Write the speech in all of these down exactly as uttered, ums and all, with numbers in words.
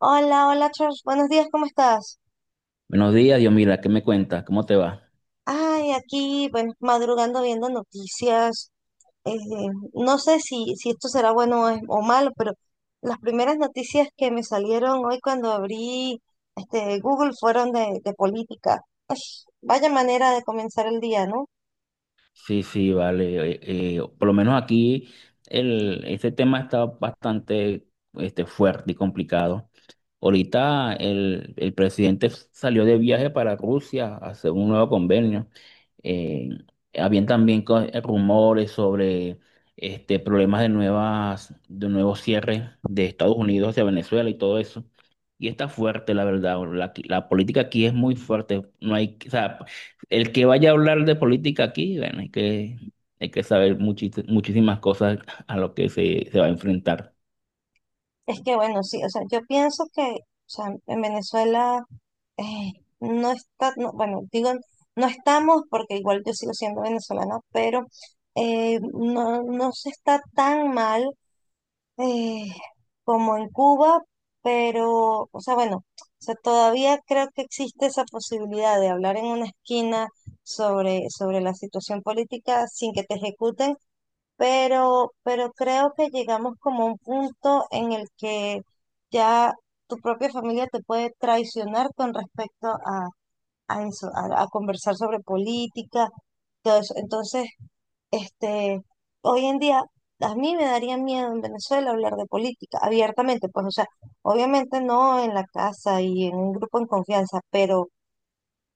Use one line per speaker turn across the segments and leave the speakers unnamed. Hola, hola Charles, buenos días, ¿cómo estás?
Buenos días, Dios, mira, ¿qué me cuentas? ¿Cómo te va?
Ay, aquí, bueno, madrugando viendo noticias. eh, no sé si, si esto será bueno o, es- o malo, pero las primeras noticias que me salieron hoy cuando abrí este Google fueron de, de política. Ay, vaya manera de comenzar el día, ¿no?
Sí, sí, vale. Eh, eh, por lo menos aquí el, este tema está bastante este, fuerte y complicado. Ahorita el, el presidente salió de viaje para Rusia a hacer un nuevo convenio. Eh, Habían también co- eh, rumores sobre este, problemas de nuevas, de nuevos cierres de Estados Unidos hacia Venezuela y todo eso. Y está fuerte, la verdad. La, la política aquí es muy fuerte. No hay, o sea, el que vaya a hablar de política aquí, bueno, hay que, hay que saber muchis- muchísimas cosas a lo que se, se va a enfrentar.
Es que bueno, sí, o sea, yo pienso que, o sea, en Venezuela eh, no está, no, bueno, digo, no estamos porque igual yo sigo siendo venezolana, pero eh, no, no se está tan mal eh, como en Cuba, pero, o sea, bueno, o sea, todavía creo que existe esa posibilidad de hablar en una esquina sobre, sobre la situación política sin que te ejecuten, pero, pero creo que llegamos como a un punto en el que ya tu propia familia te puede traicionar con respecto a, a eso, a, a conversar sobre política, todo eso. Entonces, este, hoy en día a mí me daría miedo en Venezuela hablar de política abiertamente, pues, o sea, obviamente no en la casa y en un grupo en confianza, pero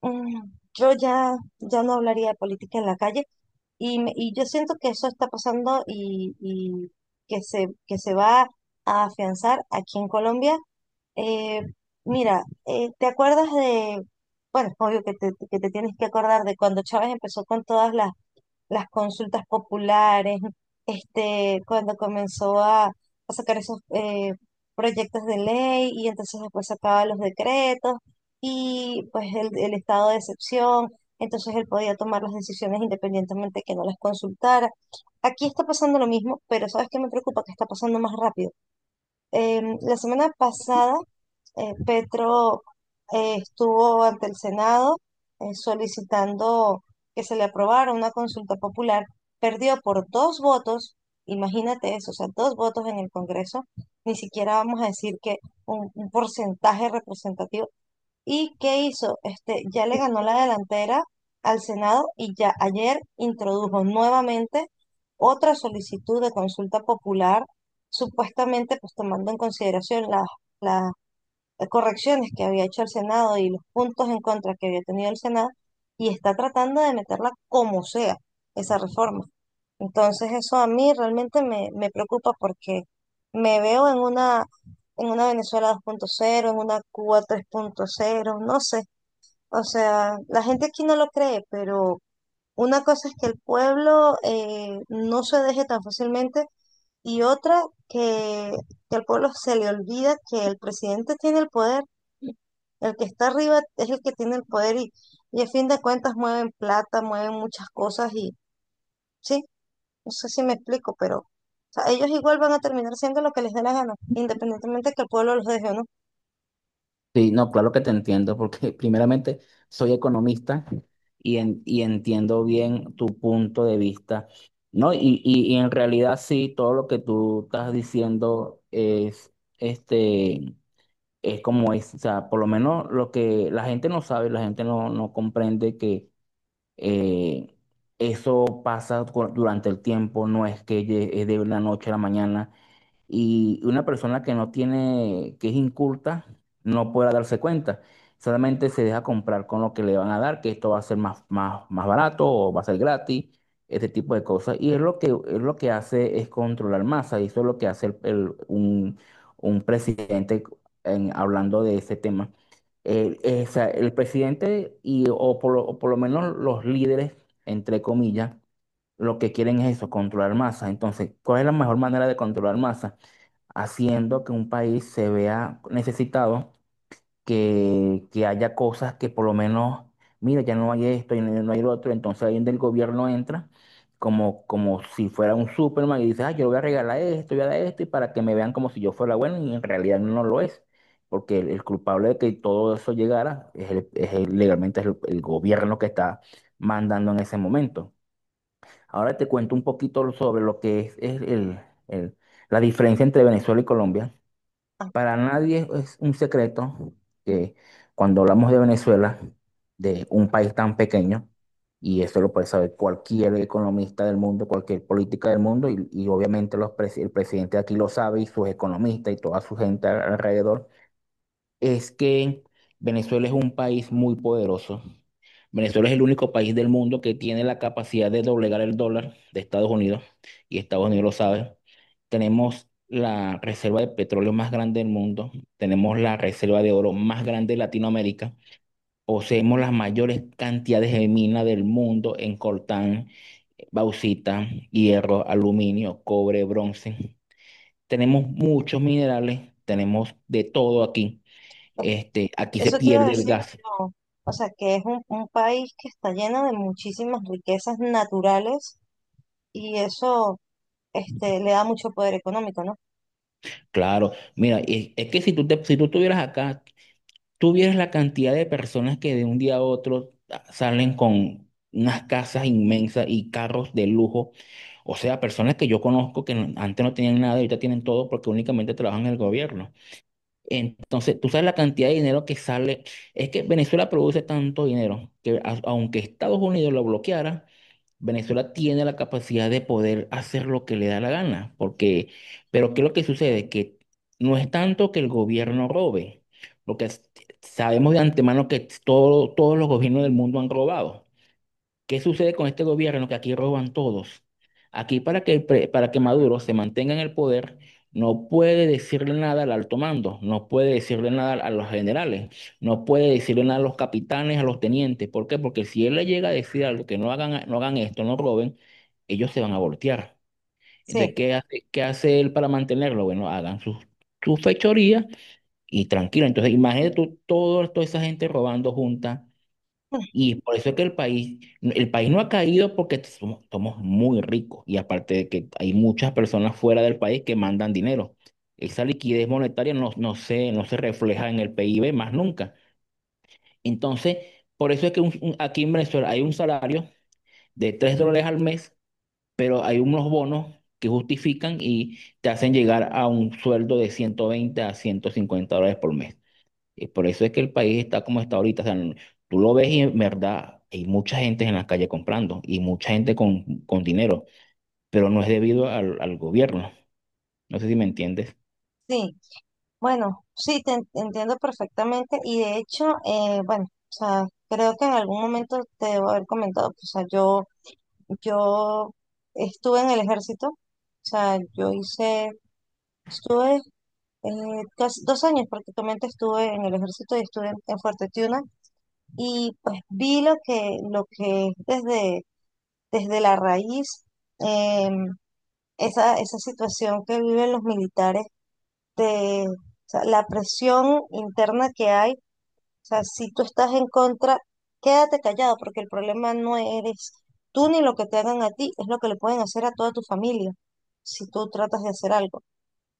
mm, yo ya, ya no hablaría de política en la calle y, me- y yo siento que eso está pasando y, y que se, que se va a afianzar aquí en Colombia. eh, Mira, eh, ¿te acuerdas de, bueno, es obvio que te, que te tienes que acordar de cuando Chávez empezó con todas las, las consultas populares, este, cuando comenzó a, a sacar esos eh, proyectos de ley y entonces después sacaba los decretos y pues el, el estado de excepción, entonces él podía tomar las decisiones independientemente que no las consultara. Aquí está pasando lo mismo, pero ¿sabes qué me preocupa? Que está pasando más rápido. Em, la semana pasada eh, Petro eh, estuvo ante el Senado eh, solicitando que se le aprobara una consulta popular, perdió por dos votos, imagínate eso, o sea, dos votos en el Congreso, ni siquiera vamos a decir que un, un porcentaje representativo. ¿Y qué hizo? Este, ya le ganó la delantera al Senado y ya ayer introdujo nuevamente otra solicitud de consulta popular, supuestamente pues tomando en consideración las correcciones que había hecho el Senado y los puntos en contra que había tenido el Senado y está tratando de meterla como sea, esa reforma. Entonces eso a mí realmente me, me preocupa porque me veo en una, en una Venezuela dos punto cero en una Cuba tres punto cero, no sé. O sea, la gente aquí no lo cree, pero una cosa es que el pueblo eh, no se deje tan fácilmente y otra que, que al pueblo se le olvida que el presidente tiene el poder, el que está arriba es el que tiene el poder y, y a fin de cuentas mueven plata, mueven muchas cosas y sí, no sé si me explico, pero o sea, ellos igual van a terminar siendo lo que les dé la gana, independientemente que el pueblo los deje o no.
Sí, no, claro que te entiendo, porque primeramente soy economista y, en- y entiendo bien tu punto de vista, ¿no? Y, y, y en realidad sí, todo lo que tú estás diciendo es, este, es como es, o sea, por lo menos lo que la gente no sabe, la gente no, no comprende que Eh, eso pasa cu- durante el tiempo, no es que lle- es de la noche a la mañana, y una persona que no tiene, que es inculta, no podrá darse cuenta. Solamente se deja comprar con lo que le van a dar, que esto va a ser más, más, más barato o va a ser gratis, este tipo de cosas. Y es lo que, es lo que hace es controlar masa, y eso es lo que hace el- el- un, un presidente en- hablando de ese tema. El, esa- el presidente y, o, por lo, o por lo menos los líderes, entre comillas, lo que quieren es eso, controlar masa. Entonces, ¿cuál es la mejor manera de controlar masa? Haciendo que un país se vea necesitado, que, que haya cosas que por lo menos, mira, ya no hay esto y no no hay lo otro, entonces alguien, el gobierno entra como, como si fuera un Superman y dice, ah, yo le voy a regalar esto, voy a dar esto, y para que me vean como si yo fuera bueno, y en realidad no lo es, porque el, el culpable de que todo eso llegara es, el- es el- legalmente es el el gobierno que está mandando en ese momento. Ahora te cuento un poquito sobre lo que es, es el, el- la diferencia entre Venezuela y Colombia.
Ah,
Para nadie es un secreto que cuando hablamos de Venezuela, de un país tan pequeño, y eso lo puede saber cualquier economista del mundo, cualquier política del mundo, y, y obviamente los presi- el presidente de aquí lo sabe y sus economistas y toda su gente al- alrededor, es que Venezuela es un país muy poderoso. Venezuela es el único país del mundo que tiene la capacidad de doblegar el dólar de Estados Unidos, y Estados Unidos lo sabe. Tenemos la reserva de petróleo más grande del mundo, tenemos la reserva de oro más grande de Latinoamérica, poseemos las mayores cantidades de minas del mundo en coltán, bauxita, hierro, aluminio, cobre, bronce. Tenemos muchos minerales, tenemos de todo aquí. Este, aquí se
eso te iba a
pierde el
decir,
gas.
no. O sea, que es un, un país que está lleno de muchísimas riquezas naturales y eso este, le da mucho poder económico, ¿no?
Claro, mira, y es que si tú, te- si tú estuvieras acá, tú vieras la cantidad de personas que de un día a otro a- salen con unas casas inmensas y carros de lujo. O sea, personas que yo conozco que no- antes no tenían nada y ahorita tienen todo porque únicamente trabajan en el gobierno. Entonces, tú sabes la cantidad de dinero que sale. Es que Venezuela produce tanto dinero que a- aunque Estados Unidos lo bloqueara, Venezuela tiene la capacidad de poder hacer lo que le da la gana. Porque, pero ¿qué es lo que sucede? Que no es tanto que el gobierno robe, porque s- sabemos de antemano que todo- todos los gobiernos del mundo han robado. ¿Qué sucede con este gobierno? Que aquí roban todos. Aquí para que, el pre- para que Maduro se mantenga en el poder, no puede decirle nada al alto mando, no puede decirle nada a los generales, no puede decirle nada a los capitanes, a los tenientes. ¿Por qué? Porque si él le llega a decir algo que no hagan, no hagan esto, no roben, ellos se van a voltear. Entonces,
Sí.
¿qué hace, qué hace él para mantenerlo? Bueno, hagan sus, sus fechorías y tranquilo. Entonces, imagínate tú todo- toda esa gente robando junta, y por eso es que el país, el país no ha caído porque somos, somos muy ricos y aparte de que hay muchas personas fuera del país que mandan dinero. Esa liquidez monetaria no, no se, no se refleja en el P I B más nunca. Entonces, por eso es que un- un- aquí en Venezuela hay un salario de tres dólares al mes, pero hay unos bonos que justifican y te hacen llegar a un sueldo de ciento veinte a ciento cincuenta dólares por mes. Y por eso es que el país está como está ahorita. O sea, tú lo ves y en verdad hay mucha gente en las calles comprando y mucha gente con, con dinero, pero no es debido al, al gobierno. No sé si me entiendes.
Sí. Bueno, sí, te en- entiendo perfectamente y de hecho, eh, bueno, o sea, creo que en algún momento te debo haber comentado, pues, o sea, yo, yo estuve en el ejército, o sea, yo hice, estuve eh, casi dos años prácticamente estuve en el ejército y estuve en, en Fuerte Tiuna y pues vi lo que, lo que es desde, desde la raíz, em, esa, esa situación que viven los militares de, o sea, la presión interna que hay. O sea, si tú estás en contra, quédate callado porque el problema no eres tú ni lo que te hagan a ti, es lo que le pueden hacer a toda tu familia si tú tratas de hacer algo. O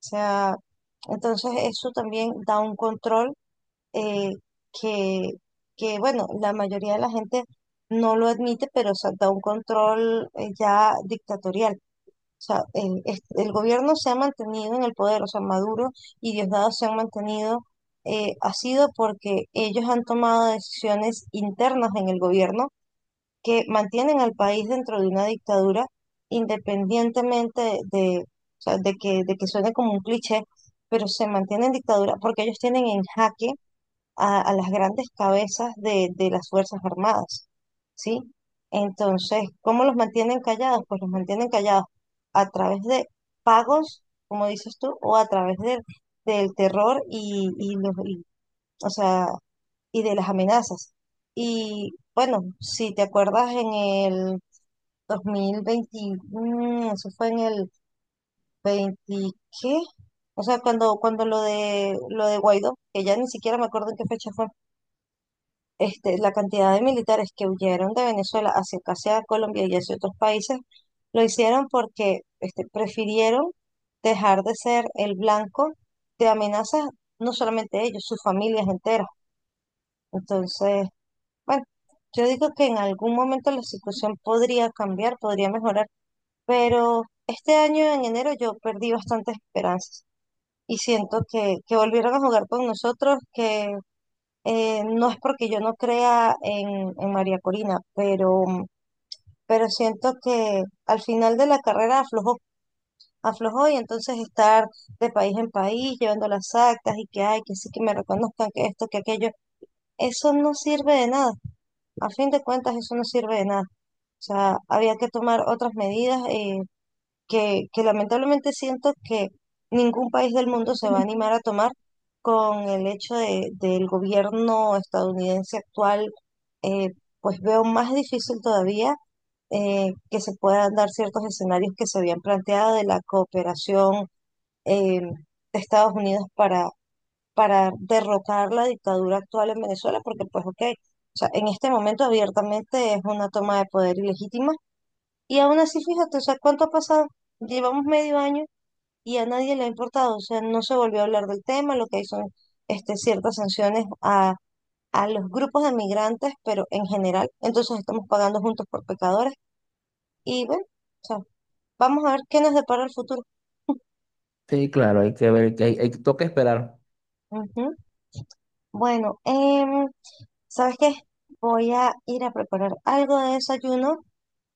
sea, entonces eso también da un control eh, que, que, bueno, la mayoría de la gente no lo admite, pero o sea, da un control eh, ya dictatorial. O sea, el, es- el gobierno se ha mantenido en el poder, o sea, Maduro y Diosdado se han mantenido, eh, ha sido porque ellos han tomado decisiones internas en el gobierno que mantienen al país dentro de una dictadura, independientemente de, o sea, de que, de que suene como un cliché, pero se mantiene en dictadura porque ellos tienen en jaque a, a las grandes cabezas de, de las Fuerzas Armadas, ¿sí? Entonces, ¿cómo los mantienen callados? Pues los mantienen callados a través de pagos, como dices tú, o a través del, del terror y, y los, y, o sea, y de las amenazas. Y bueno, si te acuerdas en el dos mil veinte, mm, eso fue en el veinte, ¿qué? O sea, cuando, cuando lo de, lo de Guaidó, que ya ni siquiera me acuerdo en qué fecha fue, este, la cantidad de militares que huyeron de Venezuela hacia casi a Colombia y hacia otros países, lo hicieron porque este, prefirieron dejar de ser el blanco de amenazas, no solamente ellos, sus familias enteras. Entonces, bueno, yo digo que en algún momento la situación podría cambiar, podría mejorar, pero este año en enero yo perdí bastantes esperanzas. Y siento que, que volvieron a jugar con nosotros, que eh, no es porque yo no crea en, en María Corina, pero, pero siento que al final de la carrera aflojó, aflojó y entonces estar de país en país llevando las actas y que hay, que sí que me reconozcan, que esto, que aquello, eso no sirve de nada. A fin de cuentas, eso no sirve de nada. O sea, había que tomar otras medidas. eh, que, que lamentablemente siento que ningún país del mundo se va a animar a tomar con el hecho de, del gobierno estadounidense actual, eh, pues veo más difícil todavía eh, que se puedan dar ciertos escenarios que se habían planteado de la cooperación eh, de Estados Unidos para, para derrocar la dictadura actual en Venezuela, porque pues ok, o sea, en este momento abiertamente es una toma de poder ilegítima. Y aún así, fíjate, o sea, ¿cuánto ha pasado? Llevamos medio año y a nadie le ha importado, o sea, no se volvió a hablar del tema, lo que hay son este, ciertas sanciones a, a los grupos de migrantes, pero en general, entonces estamos pagando juntos por pecadores y bueno, o sea, vamos a ver qué nos depara el futuro.
Sí, claro, hay que ver, hay, hay, toca esperar.
Ujú. Bueno, em, ¿sabes qué? Voy a ir a preparar algo de desayuno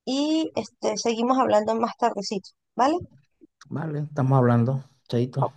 y este, seguimos hablando más tardecito, ¿vale?
Vale, estamos hablando, chaito.